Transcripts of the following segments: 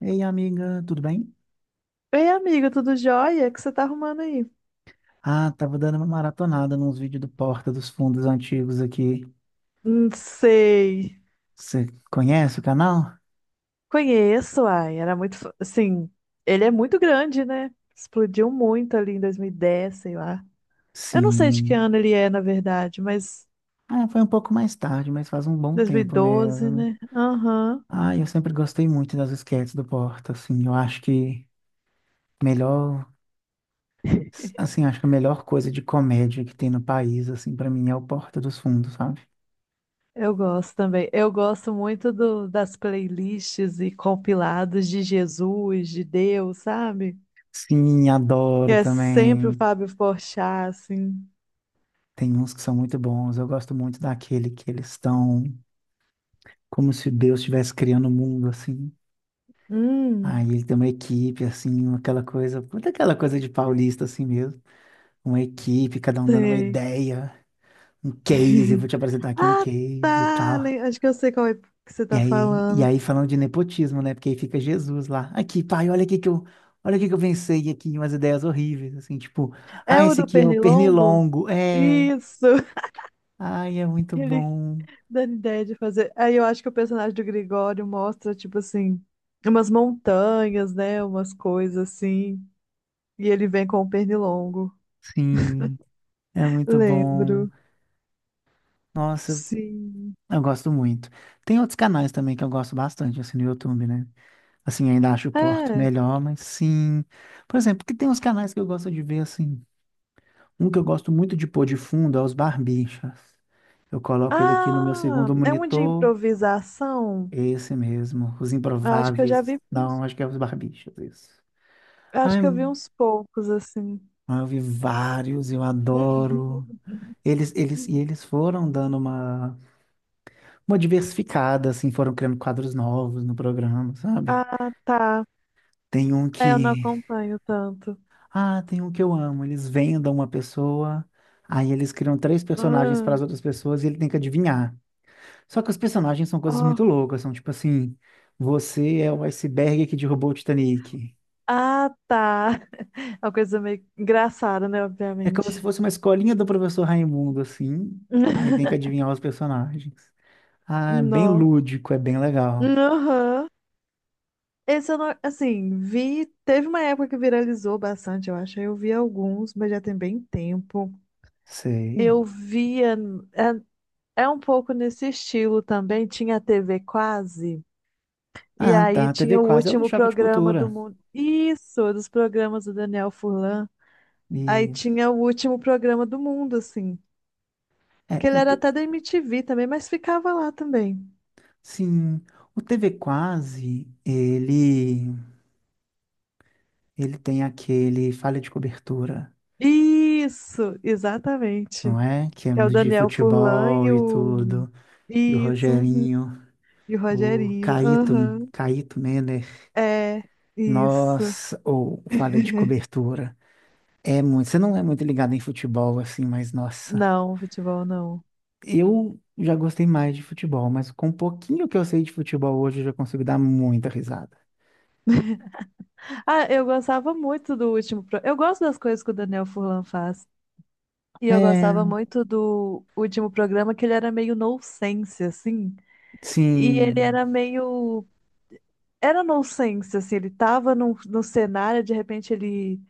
Ei, amiga, tudo bem? Ei, amiga, tudo jóia? O que você tá arrumando aí? Ah, tava dando uma maratonada nos vídeos do Porta dos Fundos antigos aqui. Não sei. Você conhece o canal? Conheço, ai, era muito, assim, ele é muito grande, né? Explodiu muito ali em 2010, sei lá. Eu não sei de que Sim. ano ele é, na verdade, mas Ah, foi um pouco mais tarde, mas faz um bom tempo 2012, mesmo. né? Aham. Ah, eu sempre gostei muito das esquetes do Porta, assim, eu acho que melhor, assim, acho que a melhor coisa de comédia que tem no país, assim, pra mim é o Porta dos Fundos, sabe? Eu gosto também. Eu gosto muito das playlists e compilados de Jesus, de Deus, sabe? Sim, Que adoro é sempre o também. Fábio Porchat, assim. Tem uns que são muito bons. Eu gosto muito daquele que eles estão como se Deus estivesse criando o mundo, assim. Aí Hum. ele tem uma equipe, assim, aquela coisa, puta aquela coisa de paulista, assim mesmo. Uma equipe, cada um dando uma Sei. ideia, um case, eu vou te apresentar aqui um Ah, case e tá. tal. Acho que eu sei qual é que você E tá aí, e falando. aí falando de nepotismo, né? Porque aí fica Jesus lá. Aqui, pai, olha aqui que eu pensei aqui, umas ideias horríveis, assim, tipo, É ah, o esse do aqui é o Pernilongo? pernilongo, é, Isso! ai, é muito Ele bom, dando ideia de fazer. Aí eu acho que o personagem do Gregório mostra, tipo assim, umas montanhas, né? Umas coisas assim. E ele vem com o Pernilongo. sim, é muito bom. Lembro. Nossa, Sim. eu gosto muito. Tem outros canais também que eu gosto bastante, assim, no YouTube, né? Assim, ainda acho o Porto É. melhor, mas sim. Por exemplo, que tem uns canais que eu gosto de ver, assim. Um que eu gosto muito de pôr de fundo é os Barbixas. Eu coloco ele aqui no meu Ah, segundo é um de monitor. improvisação? Esse mesmo. Os Acho que eu já Improváveis. vi. Não, acho que é os Barbixas, isso. Acho Ai, que eu vi uns poucos, assim. eu vi vários, eu adoro. Eles foram dando uma diversificada, assim, foram criando quadros novos no programa, sabe? Ah, tá. Tem um É, eu não que. acompanho tanto. Ah, tem um que eu amo. Eles vendam uma pessoa, aí eles criam três personagens Ah, para as outras pessoas e ele tem que adivinhar. Só que os personagens são coisas ó. muito loucas, são tipo assim: você é o iceberg que derrubou o Titanic. Ah, tá. É uma coisa meio engraçada, né? É como Obviamente. se fosse uma escolinha do professor Raimundo, assim. Aí tem que adivinhar os personagens. Ah, é bem Não. lúdico, é bem legal. Aham. Esse eu não, assim, vi. Teve uma época que viralizou bastante, eu acho. Aí eu vi alguns, mas já tem bem tempo. Sei. Eu via. É, um pouco nesse estilo também. Tinha a TV Quase. E Ah, aí tá. TV tinha o Quase é o do último Choque de programa do Cultura. mundo. Isso, dos programas do Daniel Furlan. Aí Isso. tinha o último programa do mundo, assim. É, Que ele era até da MTV também, mas ficava lá também. sim, o TV Quase, ele tem aquele falha de cobertura, Isso, exatamente. não é? Que é Que é o de Daniel Furlan futebol e e o. tudo. E o Isso, uhum. Rogerinho, E o o Rogerinho. Caíto, Aham. Caíto Menner. É, isso. Nossa, ou falha de cobertura. É muito. Você não é muito ligado em futebol, assim, mas nossa. Não, futebol não. Eu já gostei mais de futebol, mas com um pouquinho que eu sei de futebol hoje, eu já consigo dar muita risada. Ah, eu gostava muito do último. Eu gosto das coisas que o Daniel Furlan faz. E eu gostava É, muito do último programa, que ele era meio nonsense, assim. E ele sim. era nonsense, assim, ele tava no cenário, de repente ele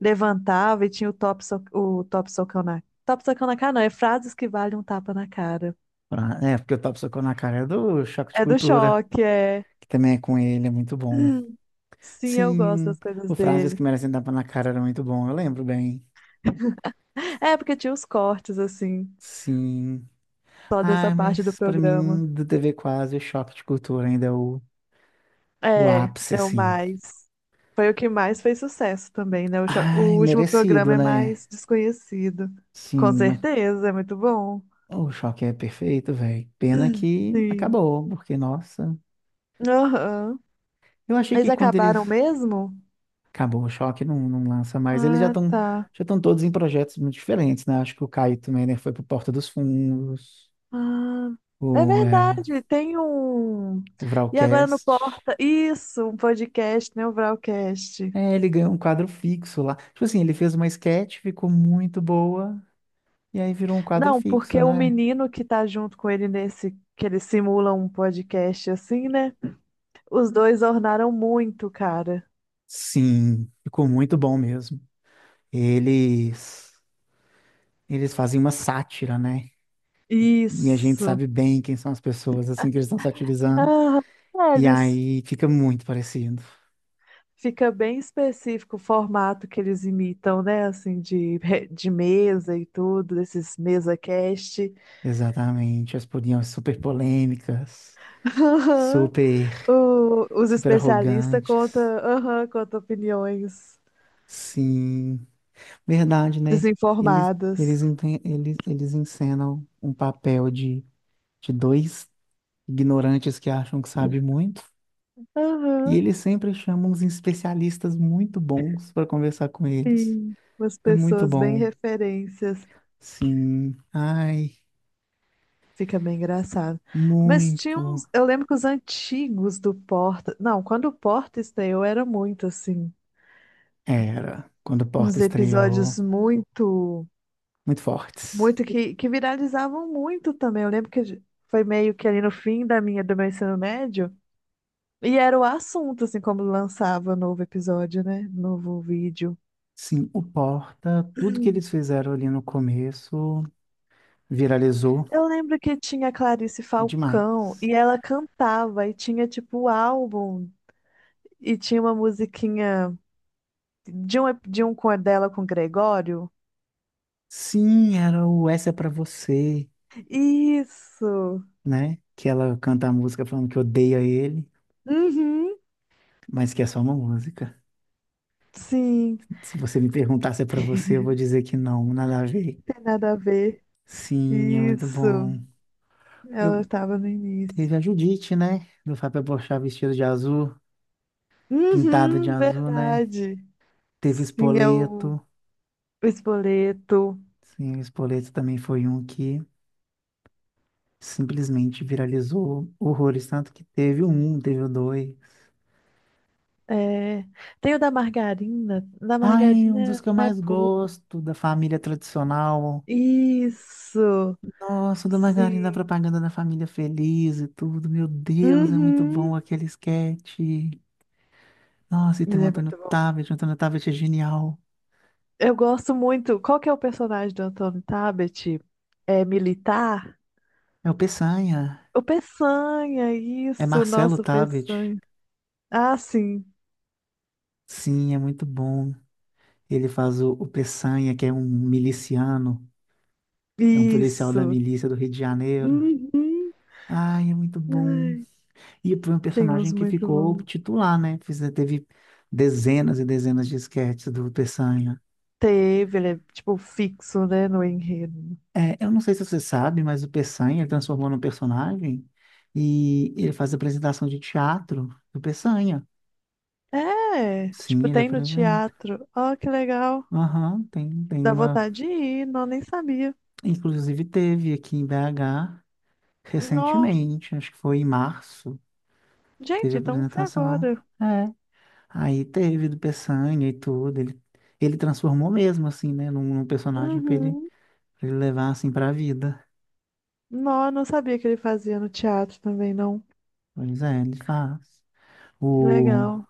levantava e tinha o top socão na cara não, é frases que valem um tapa na cara. É, porque o Top Socou na Cara é do Choque de É do Cultura, choque, é. que também é com ele, é muito bom. Sim, eu gosto Sim, das coisas o Frases dele. que merecem tapa na cara era muito bom, eu lembro bem. É, porque tinha os cortes, assim, Sim. só dessa Ah, parte do mas pra programa. mim, do TV Quase, o choque de cultura ainda é o É, ápice, é o assim. mais. Foi o que mais fez sucesso também, né? O, cho- Ai, o último merecido, programa é né? mais desconhecido. Com Sim, mas certeza, é muito bom. o choque é perfeito, velho. Pena que Sim. acabou, porque, nossa. Aham. Eu achei Eles que quando eles. acabaram mesmo? Acabou o choque, não, não lança mais. Eles já Ah, estão tá. já estão todos em projetos muito diferentes, né? Acho que o Caio também, né? Foi pro Porta dos Fundos, Ah, é o, é, verdade, tem um. o E agora no Vralcast. Porta. Isso, um podcast, né? O Vralcast. É, ele ganhou um quadro fixo lá. Tipo assim, ele fez uma sketch, ficou muito boa, e aí virou um quadro Não, fixo, porque o né? menino que tá junto com ele nesse. Que ele simula um podcast assim, né? Os dois ornaram muito, cara. Sim, ficou muito bom mesmo. Eles, eles fazem uma sátira, né? E a gente Isso. sabe bem quem são as pessoas, assim, que eles estão satirizando. Ah, é, E eles. aí fica muito parecido. Fica bem específico o formato que eles imitam, né? Assim, de mesa e tudo, desses mesa cast. Exatamente, as podiam ser super polêmicas, Aham. super, Os super especialistas contam, arrogantes. aham, contam opiniões Sim. Verdade, né? Eles, desinformadas. eles, enten- eles, eles encenam um papel de, dois ignorantes que acham que sabem muito, e Aham, eles sempre chamam uns especialistas muito bons para conversar com eles. sim. Umas É muito pessoas bem bom. referências. Sim. Ai, Fica bem engraçado. Mas tinha uns. muito. Eu lembro que os antigos do Porta. Não, quando o Porta estreou, era muito assim. Era, quando o Porta Uns estreou, episódios muito. muito fortes. Muito que viralizavam muito também. Eu lembro que foi meio que ali no fim da minha, do meu ensino médio. E era o assunto, assim, como lançava novo episódio, né? Novo vídeo. Sim, o Porta, tudo que eles fizeram ali no começo viralizou Eu lembro que tinha a Clarice Falcão demais. e ela cantava e tinha, tipo, o álbum e tinha uma musiquinha de um com a dela com o Gregório. Sim, era o Essa é pra você, Isso! né? Que ela canta a música falando que odeia ele, Uhum, mas que é só uma música. sim, Se você me perguntar se é pra você, eu vou dizer que não, nada a ver. tem nada a ver. Sim, é muito Isso, bom. ela Eu estava no início. Teve a Judite, né? Do Fábio Porchat vestido de azul, pintado de Uhum, azul, né? verdade. Teve o Sim, é o Spoleto. o Espoleto. Sim, o Spoleto também foi um que simplesmente viralizou horrores, tanto que teve o um, teve o dois. É, tem o da margarina. Da Ai, um dos margarina que eu não é mais público. gosto da família tradicional. Isso, Nossa, da Margarina, a sim. propaganda da família feliz e tudo. Meu Deus, é muito bom Uhum. aquele esquete. Nossa, e tem o Ele é Antônio muito bom. Tabet. O Antônio Tabet é genial. Eu gosto muito. Qual que é o personagem do Antônio Tabet? É militar? É o Peçanha. O Peçanha, É isso, Marcelo nosso Tabet. Peçanha. Ah, sim, Sim, é muito bom. Ele faz o Peçanha, que é um miliciano. É um policial da isso. milícia do Rio de Janeiro. Uhum. Ai, é muito bom. Ai, E foi um tem personagem uns que muito ficou bons. titular, né? Teve dezenas e dezenas de esquetes do Peçanha. Teve, ele é tipo fixo, né, no enredo. É, eu não sei se você sabe, mas o Peçanha ele transformou num personagem e ele faz apresentação de teatro do Peçanha. É, Sim, tipo, ele tem no apresenta. teatro. Ó, que legal. Aham, tem Dá uma. vontade de ir, não, nem sabia. Inclusive teve aqui em BH Nó, recentemente, acho que foi em março, teve gente, então foi apresentação. agora. É. Aí teve do Peçanha e tudo. Ele transformou mesmo, assim, né, num personagem Uhum. pra ele levar, assim, pra vida. Nó, não sabia que ele fazia no teatro também, não. Pois é, ele faz. Que O. legal.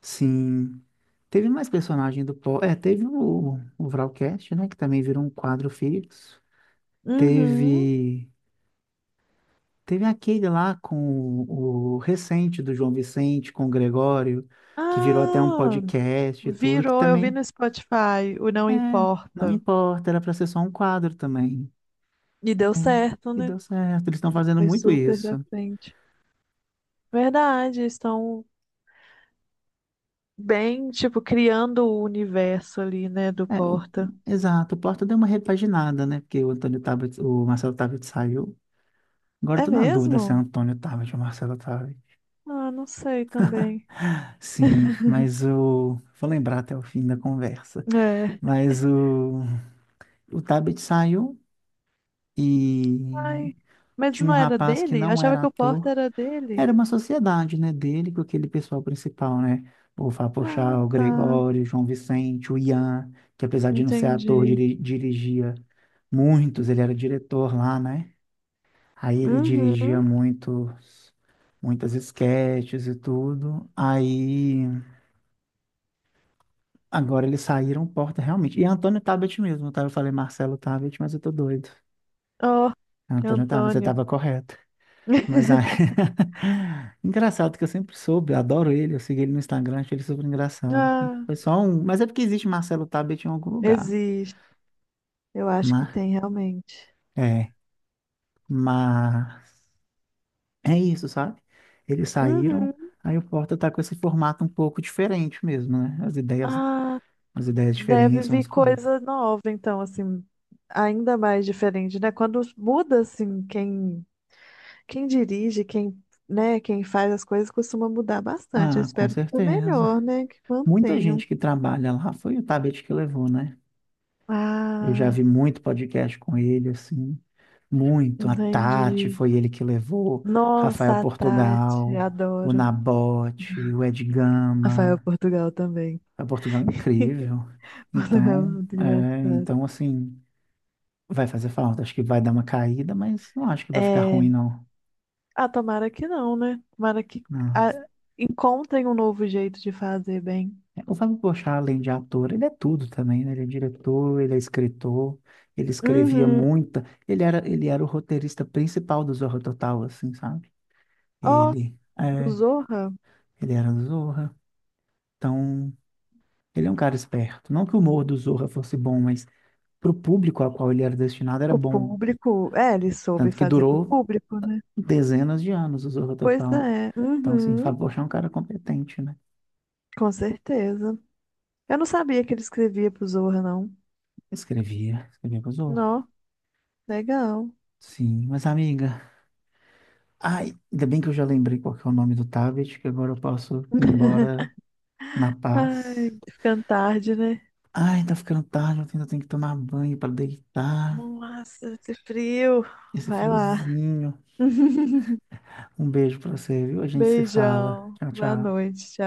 Sim. Teve mais personagem do Po. É, teve o Vralcast, né? Que também virou um quadro fixo. Uhum. Teve. Teve aquele lá com o recente do João Vicente, com o Gregório, que virou até um Ah, podcast e tudo, que virou, eu vi também. no Spotify, o Não É, não Importa. importa, era pra ser só um quadro também. E deu É, certo, e né? deu certo, eles estão fazendo Foi muito super pra isso. frente. Verdade, estão bem, tipo, criando o universo ali, né, do É, Porta. exato, o Porta deu uma repaginada, né? Porque o Antônio Tabet, o Marcelo Tabet saiu. Agora eu É tô na dúvida se é mesmo? Antônio Tabet ou Marcelo Tabet. Ah, não sei também. Sim, mas o. Vou lembrar até o fim da conversa. É. Mas o Tabet saiu e Ai, mas tinha não um era rapaz que dele? Eu não achava era que o Porta ator. era dele. Era uma sociedade, né, dele com aquele pessoal principal, né? O Ah, Vapochá, o tá. Gregório, o João Vicente, o Ian, que apesar de não ser ator, Entendi. Dirigia muitos, ele era diretor lá, né? Aí ele dirigia Uhum. Muitas esquetes e tudo. Aí. Agora eles saíram porta realmente. E Antônio Tabet mesmo, tá? Eu falei Marcelo Tabet, mas eu tô doido. Oh, Antônio Tabet, você Antônio. tava correto. Mas aí, engraçado que eu sempre soube, eu adoro ele, eu segui ele no Instagram, achei ele super engraçado. Ah, Foi só um, mas é porque existe Marcelo Tabet em algum lugar. existe. Eu acho que Mas tem realmente. é, mas é isso, sabe? Eles saíram, Uhum. aí o Porta tá com esse formato um pouco diferente mesmo, né? As ideias, Ah, as ideias deve diferentes, umas vir coisas. coisa nova, então, assim, ainda mais diferente, né? Quando muda, assim, quem dirige, quem, né, quem faz as coisas costuma mudar bastante. Eu Ah, com espero que para certeza. melhor, né? Que Muita mantenham. gente que trabalha lá foi o Tabet que levou, né? Eu já Ah, vi muito podcast com ele, assim, muito. A Tati entendi. foi ele que levou, Rafael Nossa, a Tati, Portugal, o adoro. Nabote, o Ed Rafael Gama. Portugal também. O Portugal é incrível. Portugal é Então, muito é, engraçado. então, assim, vai fazer falta. Acho que vai dar uma caída, mas não acho que vai ficar É. ruim, não. Ah, tomara que não, né? Tomara que Não. ah, encontrem um novo jeito de fazer bem. É, o Fábio Porchat, além de ator, ele é tudo também, né? Ele é diretor, ele é escritor, ele escrevia Uhum. muita. Ele era o roteirista principal do Zorra Total, assim, sabe? Ó, Ele, do é, Zorra, ele era do Zorra. Então, ele é um cara esperto. Não que o humor do Zorra fosse bom, mas pro público ao qual ele era destinado era pro bom. público. É, ele soube Tanto que fazer pro durou público, né? dezenas de anos o Zorra Pois Total. é. Então, assim, Uhum. Fábio Porchat é um cara competente, né? Com certeza. Eu não sabia que ele escrevia pro Zorra, não. Escrevia, escrevia pro Zorra. Nó, legal. Sim, mas amiga. Ai, ainda bem que eu já lembrei qual que é o nome do tablet, que agora eu posso ir embora na paz. Ai, ficando tarde, né? Ai, tá ficando tarde, eu ainda tenho que tomar banho para deitar. Nossa, esse frio. Esse Vai lá. friozinho. Um beijo pra você, viu? A gente se fala. Beijão. Tchau, Boa tchau. noite.